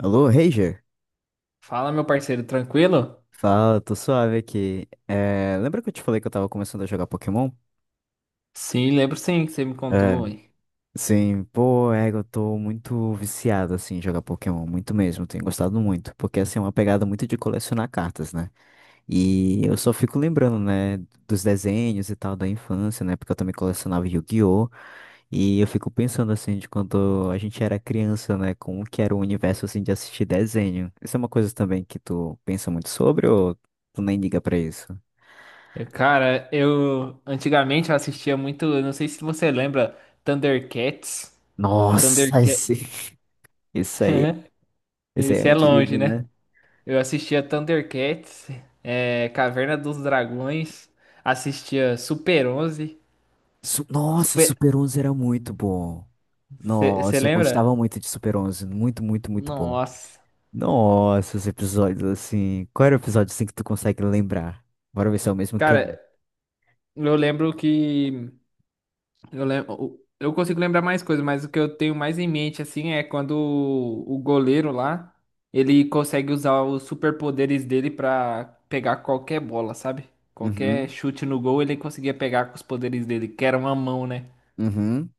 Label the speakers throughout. Speaker 1: Alô, Ranger?
Speaker 2: Fala, meu parceiro, tranquilo?
Speaker 1: Fala, tô suave aqui. É, lembra que eu te falei que eu tava começando a jogar Pokémon?
Speaker 2: Sim, lembro sim que você me
Speaker 1: É,
Speaker 2: contou, ué.
Speaker 1: sim, pô, é, eu tô muito viciado, assim, em jogar Pokémon, muito mesmo, tenho gostado muito, porque, assim, é uma pegada muito de colecionar cartas, né? E eu só fico lembrando, né, dos desenhos e tal da infância, né, porque eu também colecionava Yu-Gi-Oh! E eu fico pensando, assim, de quando a gente era criança, né, como que era o universo, assim, de assistir desenho. Isso é uma coisa também que tu pensa muito sobre ou tu nem liga pra isso?
Speaker 2: Eu, Cara, eu antigamente eu assistia muito, eu não sei se você lembra, Thundercats.
Speaker 1: Nossa, esse,
Speaker 2: Thundercats,
Speaker 1: esse aí, é
Speaker 2: isso é longe,
Speaker 1: antigo,
Speaker 2: né?
Speaker 1: né?
Speaker 2: Eu assistia Thundercats, é, Caverna dos Dragões, assistia Super onze.
Speaker 1: Nossa,
Speaker 2: Super,
Speaker 1: Super 11 era muito bom.
Speaker 2: você
Speaker 1: Nossa, eu
Speaker 2: lembra?
Speaker 1: gostava muito de Super 11, muito, muito, muito bom.
Speaker 2: Nossa.
Speaker 1: Nossa, os episódios assim. Qual era o episódio assim que tu consegue lembrar? Bora ver se é o mesmo que eu.
Speaker 2: Cara, eu lembro que Eu lembro, eu consigo lembrar mais coisas, mas o que eu tenho mais em mente assim é quando o goleiro lá, ele consegue usar os superpoderes dele pra pegar qualquer bola, sabe? Qualquer
Speaker 1: Uhum,
Speaker 2: chute no gol, ele conseguia pegar com os poderes dele, que era uma mão, né?
Speaker 1: uhum.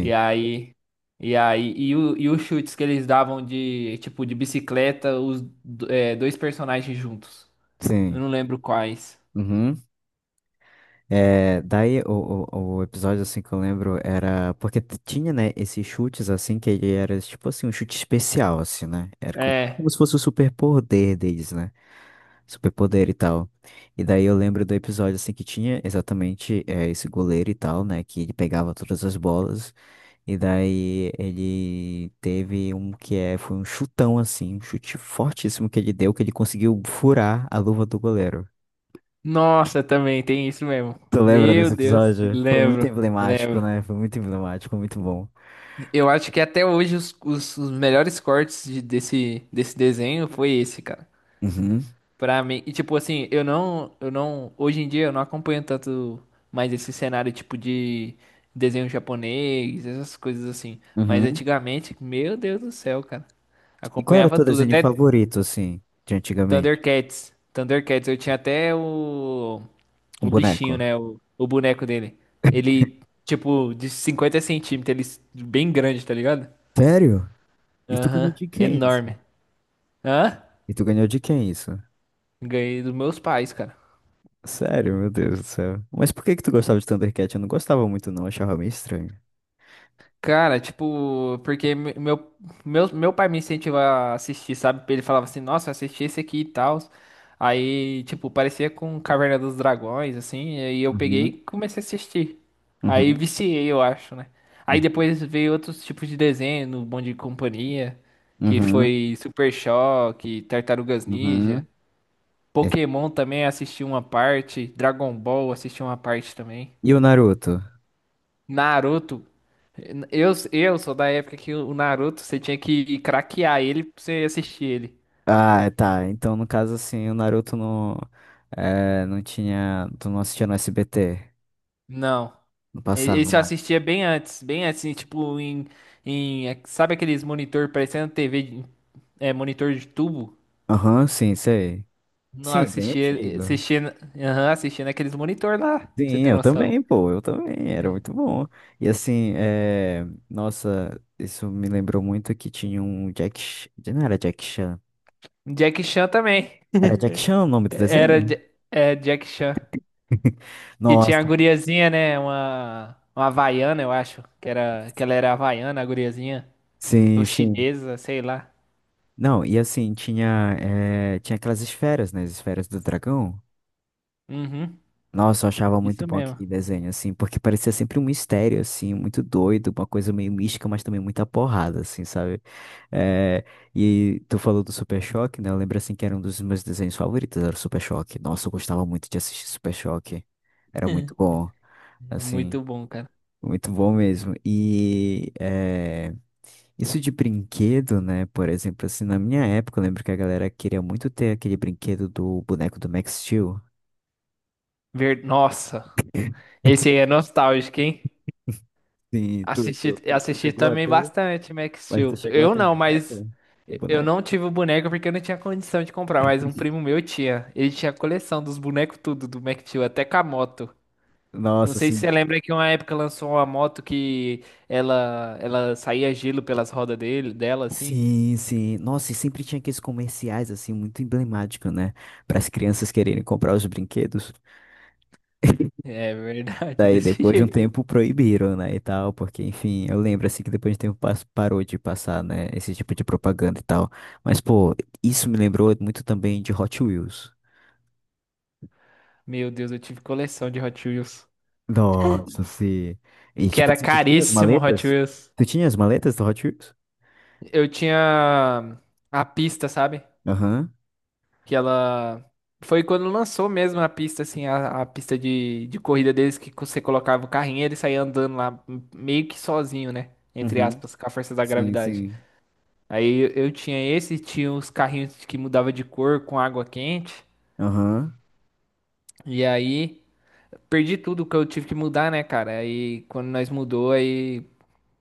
Speaker 2: E aí, e os chutes que eles davam de, tipo, de bicicleta, dois personagens juntos. Eu
Speaker 1: sim.
Speaker 2: não lembro quais.
Speaker 1: Uhum. É, daí o episódio assim que eu lembro era porque tinha, né, esses chutes assim que ele era tipo assim um chute especial assim, né? Era como
Speaker 2: É,
Speaker 1: se fosse o superpoder deles, né? Superpoder e tal. E daí eu lembro do episódio assim que tinha exatamente é, esse goleiro e tal, né, que ele pegava todas as bolas e daí ele teve um que é foi um chutão assim, um chute fortíssimo que ele deu que ele conseguiu furar a luva do goleiro.
Speaker 2: nossa, também tem isso mesmo.
Speaker 1: Tu lembra
Speaker 2: Meu
Speaker 1: desse
Speaker 2: Deus,
Speaker 1: episódio? Foi muito
Speaker 2: lembro,
Speaker 1: emblemático,
Speaker 2: lembro.
Speaker 1: né? Foi muito emblemático, muito bom.
Speaker 2: Eu acho que até hoje os melhores cortes desse desenho foi esse, cara.
Speaker 1: Uhum,
Speaker 2: Pra mim, e tipo assim, eu não, hoje em dia eu não acompanho tanto mais esse cenário tipo de desenho japonês, essas coisas assim. Mas
Speaker 1: uhum.
Speaker 2: antigamente, meu Deus do céu, cara.
Speaker 1: E qual era o
Speaker 2: Acompanhava
Speaker 1: teu
Speaker 2: tudo,
Speaker 1: desenho
Speaker 2: até
Speaker 1: favorito, assim, de antigamente?
Speaker 2: Thundercats. Thundercats, eu tinha até o,
Speaker 1: Um
Speaker 2: o
Speaker 1: boneco.
Speaker 2: bichinho, né? O boneco dele. Ele, tipo, de 50 centímetros, ele bem grande, tá ligado?
Speaker 1: Sério? E tu ganhou
Speaker 2: Aham,
Speaker 1: de quem isso?
Speaker 2: enorme. Hã?
Speaker 1: E tu ganhou de quem isso?
Speaker 2: Ganhei dos meus pais, cara.
Speaker 1: Sério, meu Deus do céu. Mas por que que tu gostava de Thundercat? Eu não gostava muito, não. Achava meio estranho.
Speaker 2: Cara, tipo, porque meu pai me incentivava a assistir, sabe? Ele falava assim, nossa, assisti esse aqui e tal. Aí, tipo, parecia com Caverna dos Dragões, assim, e aí eu peguei e
Speaker 1: Uhum,
Speaker 2: comecei a assistir. Aí
Speaker 1: uhum,
Speaker 2: viciei, eu acho, né? Aí
Speaker 1: uhum,
Speaker 2: depois veio outros tipos de desenho, no Bom de Companhia, que
Speaker 1: uhum.
Speaker 2: foi Super Choque, Tartarugas Ninja.
Speaker 1: Uhum. Esse-
Speaker 2: Pokémon também assisti uma parte, Dragon Ball assisti uma parte também.
Speaker 1: E o Naruto?
Speaker 2: Naruto. Eu sou da época que o Naruto, você tinha que craquear ele pra você assistir ele.
Speaker 1: Ah, tá. Então, no caso, assim, o Naruto não, é, não tinha. Tu não assistia no SBT.
Speaker 2: Não.
Speaker 1: Não
Speaker 2: E-
Speaker 1: passava
Speaker 2: Esse eu
Speaker 1: mais.
Speaker 2: assistia bem antes, em, sabe aqueles monitor parecendo TV, monitor de tubo?
Speaker 1: Aham, sim, sei.
Speaker 2: Não,
Speaker 1: Sim, bem
Speaker 2: assistia,
Speaker 1: antigo.
Speaker 2: assistia, aham, assistia naqueles monitor lá, pra você
Speaker 1: Sim,
Speaker 2: ter
Speaker 1: eu
Speaker 2: noção.
Speaker 1: também, pô, eu também, era muito bom. E assim, nossa, isso me lembrou muito que tinha um Jack. Não era Jack Chan.
Speaker 2: Jack Chan também.
Speaker 1: Era Jack Chan o nome do
Speaker 2: Era
Speaker 1: desenho?
Speaker 2: Ja- é, Jack Chan. Que tinha a
Speaker 1: Nossa,
Speaker 2: guriazinha, né? Uma havaiana, eu acho. Que ela era havaiana, a guriazinha. Ou
Speaker 1: sim, sim.
Speaker 2: chinesa, sei lá.
Speaker 1: Não, e assim, tinha aquelas esferas, né? As esferas do dragão.
Speaker 2: Uhum,
Speaker 1: Nossa, eu achava muito
Speaker 2: isso
Speaker 1: bom
Speaker 2: mesmo.
Speaker 1: aquele desenho, assim, porque parecia sempre um mistério, assim, muito doido, uma coisa meio mística, mas também muita porrada, assim, sabe? Eh, e tu falou do Super Choque, né? Eu lembro, assim, que era um dos meus desenhos favoritos, era o Super Choque. Nossa, eu gostava muito de assistir Super Choque. Era muito bom,
Speaker 2: É
Speaker 1: assim,
Speaker 2: muito bom, cara.
Speaker 1: muito bom mesmo. E isso de brinquedo, né? Por exemplo, assim, na minha época, eu lembro que a galera queria muito ter aquele brinquedo do boneco do Max Steel.
Speaker 2: Ver... Nossa, esse aí é nostálgico, hein?
Speaker 1: Sim, tu, tu,
Speaker 2: Assisti,
Speaker 1: tu tu
Speaker 2: assisti
Speaker 1: chegou a
Speaker 2: também
Speaker 1: ter?
Speaker 2: bastante Max
Speaker 1: Mas tu
Speaker 2: Steel.
Speaker 1: chegou a
Speaker 2: Eu
Speaker 1: ter um
Speaker 2: não, mas
Speaker 1: boneco? O
Speaker 2: eu
Speaker 1: boneco?
Speaker 2: não tive o boneco porque eu não tinha condição de comprar, mas um primo meu tinha. Ele tinha a coleção dos bonecos tudo do Max Steel, até com a moto. Não
Speaker 1: Nossa,
Speaker 2: sei se você
Speaker 1: sim.
Speaker 2: lembra que uma época lançou uma moto que ela saía gelo pelas rodas dele, dela assim.
Speaker 1: Sim, sim. Nossa, e sempre tinha aqueles comerciais, assim, muito emblemáticos, né? Para as crianças quererem comprar os brinquedos.
Speaker 2: É verdade,
Speaker 1: Daí,
Speaker 2: desse
Speaker 1: depois de um
Speaker 2: jeito.
Speaker 1: tempo, proibiram, né? E tal, porque, enfim, eu lembro, assim, que depois de um tempo parou de passar, né? Esse tipo de propaganda e tal. Mas, pô, isso me lembrou muito também de Hot Wheels.
Speaker 2: Meu Deus, eu tive coleção de Hot Wheels.
Speaker 1: Nossa, sim. E,
Speaker 2: Que
Speaker 1: tipo
Speaker 2: era
Speaker 1: assim, tu tinha as
Speaker 2: caríssimo Hot
Speaker 1: maletas?
Speaker 2: Wheels.
Speaker 1: Tu tinha as maletas do Hot Wheels?
Speaker 2: Eu tinha a pista, sabe?
Speaker 1: Aham.
Speaker 2: Que ela. Foi quando lançou mesmo a pista, assim, a pista de corrida deles, que você colocava o carrinho e ele saía andando lá, meio que sozinho, né? Entre
Speaker 1: Uhum.
Speaker 2: aspas, com a força da
Speaker 1: Sim,
Speaker 2: gravidade.
Speaker 1: sim.
Speaker 2: Aí eu tinha esse, tinha os carrinhos que mudava de cor com água quente.
Speaker 1: Aham.
Speaker 2: E aí perdi tudo que eu tive que mudar, né, cara? Aí quando nós mudou, aí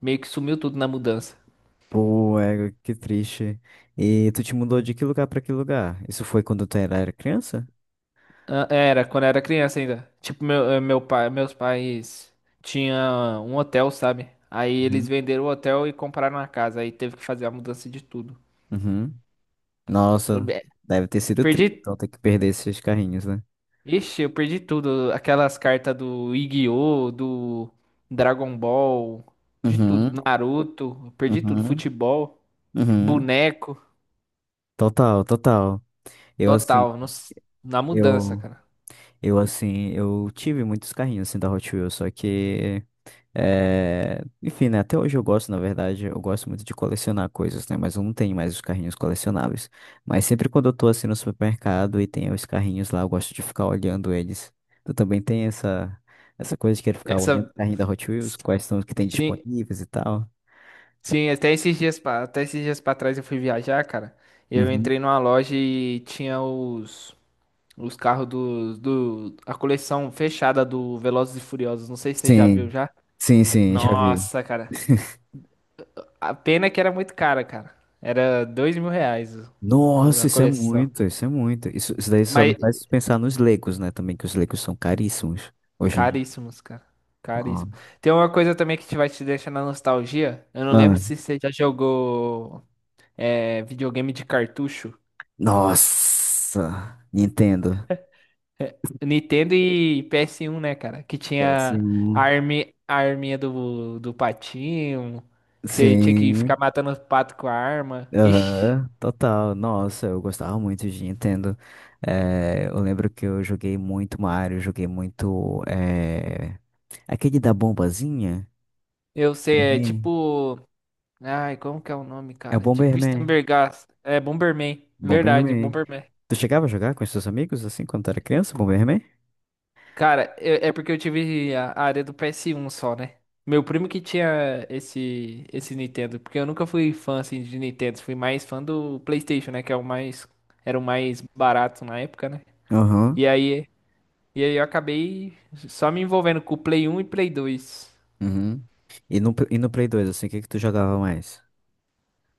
Speaker 2: meio que sumiu tudo na mudança.
Speaker 1: Pô, é, que triste. E tu te mudou de que lugar pra que lugar? Isso foi quando tu era criança?
Speaker 2: Ah, era, quando eu era criança ainda. Tipo, meus pais tinha um hotel, sabe? Aí eles
Speaker 1: Uhum.
Speaker 2: venderam o hotel e compraram a casa. Aí teve que fazer a mudança de tudo.
Speaker 1: Uhum.
Speaker 2: Eu
Speaker 1: Nossa,
Speaker 2: be-
Speaker 1: deve ter sido
Speaker 2: Perdi.
Speaker 1: triste, então ter que perder esses carrinhos, né?
Speaker 2: Ixi, eu perdi tudo. Aquelas cartas do Yu-Gi-Oh!, do Dragon Ball, de tudo.
Speaker 1: Uhum,
Speaker 2: Naruto, eu perdi tudo.
Speaker 1: uhum,
Speaker 2: Futebol,
Speaker 1: uhum.
Speaker 2: boneco,
Speaker 1: Total, total. Eu assim,
Speaker 2: total. Na mudança,
Speaker 1: eu,
Speaker 2: cara.
Speaker 1: eu assim, eu tive muitos carrinhos assim da Hot Wheels, só que é, enfim, né? Até hoje eu gosto, na verdade, eu gosto muito de colecionar coisas, né? Mas eu não tenho mais os carrinhos colecionáveis. Mas sempre quando eu tô assim no supermercado e tem os carrinhos lá, eu gosto de ficar olhando eles. Tu também tem essa, essa coisa de querer ficar olhando
Speaker 2: Essa.
Speaker 1: o carrinho da Hot Wheels, quais são os que tem disponíveis e tal.
Speaker 2: Sim, até esses dias pra trás eu fui viajar, cara. E eu
Speaker 1: Uhum.
Speaker 2: entrei numa loja e tinha os carros do, do, a coleção fechada do Velozes e Furiosos. Não sei se você já viu
Speaker 1: Sim,
Speaker 2: já.
Speaker 1: sim, sim, já vi.
Speaker 2: Nossa, cara. A pena que era muito cara, cara. Era R$ 2.000
Speaker 1: Nossa,
Speaker 2: a
Speaker 1: isso é
Speaker 2: coleção.
Speaker 1: muito, isso é muito. Isso daí só me
Speaker 2: Mas
Speaker 1: faz pensar nos Legos, né? Também que os Legos são caríssimos hoje em dia.
Speaker 2: caríssimos, cara. Caríssimo. Tem uma coisa também que te vai te deixar na nostalgia. Eu não
Speaker 1: Ah.
Speaker 2: lembro se você já jogou videogame de cartucho.
Speaker 1: Nossa, Nintendo.
Speaker 2: Nintendo e PS1, né, cara? Que tinha
Speaker 1: PS1.
Speaker 2: a arminha do... do patinho, que você tinha que ficar
Speaker 1: Sim,
Speaker 2: matando os patos com a arma. Ixi,
Speaker 1: aham, total. Nossa, eu gostava muito de Nintendo. Eu lembro que eu joguei muito Mario, joguei muito. Aquele da bombazinha?
Speaker 2: eu sei, é
Speaker 1: Bomberman.
Speaker 2: tipo. Ai, como que é o nome,
Speaker 1: É o
Speaker 2: cara? Tipo
Speaker 1: Bomberman.
Speaker 2: Stambergast. É Bomberman. Verdade,
Speaker 1: Bomberman.
Speaker 2: Bomberman.
Speaker 1: Tu chegava a jogar com os seus amigos assim quando tu era criança, Bomberman?
Speaker 2: Cara, é é porque eu tive a área do PS1 só, né? Meu primo que tinha esse Nintendo, porque eu nunca fui fã assim de Nintendo, fui mais fã do PlayStation, né, que é o mais era o mais barato na época, né? E
Speaker 1: Aham.
Speaker 2: aí, e aí eu acabei só me envolvendo com o Play um e Play dois.
Speaker 1: Uhum. E no Play 2, assim, o que que tu jogava mais?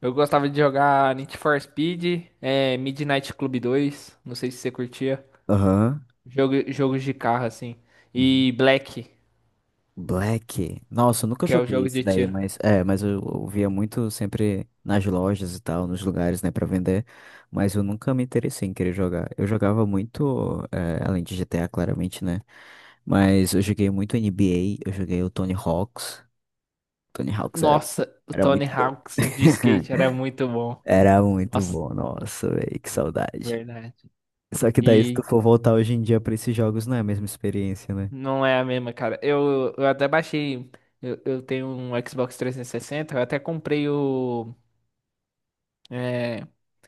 Speaker 2: Eu gostava de jogar Need for Speed, é, Midnight Club dois, não sei se você curtia.
Speaker 1: Aham.
Speaker 2: Jogos de carro, assim.
Speaker 1: Uhum.
Speaker 2: E Black,
Speaker 1: Black. Nossa, eu nunca
Speaker 2: que é o
Speaker 1: joguei
Speaker 2: jogo
Speaker 1: isso
Speaker 2: de
Speaker 1: daí,
Speaker 2: tiro.
Speaker 1: mas é, mas eu via muito sempre nas lojas e tal, nos lugares, né, pra vender, mas eu nunca me interessei em querer jogar. Eu jogava muito, é, além de GTA, claramente, né? Mas eu joguei muito NBA, eu joguei o Tony Hawks. Tony Hawks era,
Speaker 2: Nossa, o
Speaker 1: era
Speaker 2: Tony
Speaker 1: muito bom.
Speaker 2: Hawk's de skate era muito bom.
Speaker 1: Era muito
Speaker 2: Nossa,
Speaker 1: bom, nossa, velho, que saudade.
Speaker 2: verdade.
Speaker 1: Só que daí, se tu
Speaker 2: E
Speaker 1: for voltar hoje em dia pra esses jogos, não é a mesma experiência, né?
Speaker 2: não é a mesma, cara. Eu até baixei. Eu tenho um Xbox 360, eu até comprei o é,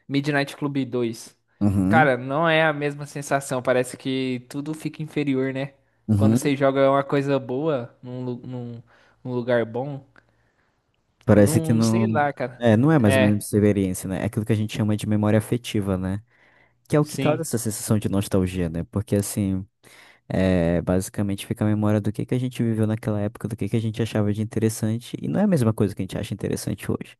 Speaker 2: Midnight Club 2.
Speaker 1: Uhum,
Speaker 2: Cara, não é a mesma sensação. Parece que tudo fica inferior, né? Quando
Speaker 1: uhum.
Speaker 2: você joga uma coisa boa num lugar bom,
Speaker 1: Parece que
Speaker 2: não sei
Speaker 1: não.
Speaker 2: lá, cara.
Speaker 1: É, não é mais ou menos
Speaker 2: É,
Speaker 1: experiência, né? É aquilo que a gente chama de memória afetiva, né? Que é o que causa
Speaker 2: sim,
Speaker 1: essa sensação de nostalgia, né? Porque, assim, é, basicamente fica a memória do que a gente viveu naquela época, do que a gente achava de interessante, e não é a mesma coisa que a gente acha interessante hoje.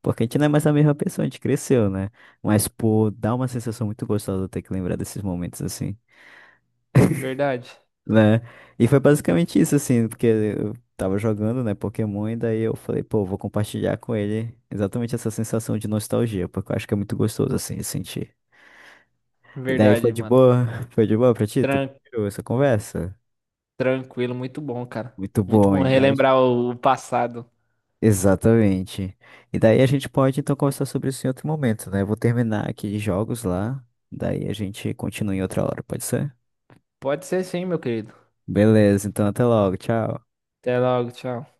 Speaker 1: Porque a gente não é mais a mesma pessoa, a gente cresceu, né? Mas, pô, dá uma sensação muito gostosa ter que lembrar desses momentos, assim.
Speaker 2: verdade.
Speaker 1: Né? E foi basicamente isso, assim, porque eu tava jogando, né, Pokémon, e daí eu falei, pô, vou compartilhar com ele exatamente essa sensação de nostalgia, porque eu acho que é muito gostoso, assim, de sentir. E daí foi
Speaker 2: Verdade,
Speaker 1: de
Speaker 2: mano.
Speaker 1: boa, foi de boa pra ti, tu
Speaker 2: Tran-
Speaker 1: curtiu essa conversa?
Speaker 2: tranquilo, muito bom, cara.
Speaker 1: Muito
Speaker 2: Muito
Speaker 1: bom,
Speaker 2: bom
Speaker 1: e daí...
Speaker 2: relembrar o passado.
Speaker 1: Exatamente. E daí a gente pode, então, conversar sobre isso em outro momento, né? Eu vou terminar aqui de jogos lá, daí a gente continua em outra hora, pode ser?
Speaker 2: Pode ser sim, meu querido.
Speaker 1: Beleza, então até logo, tchau.
Speaker 2: Até logo, tchau.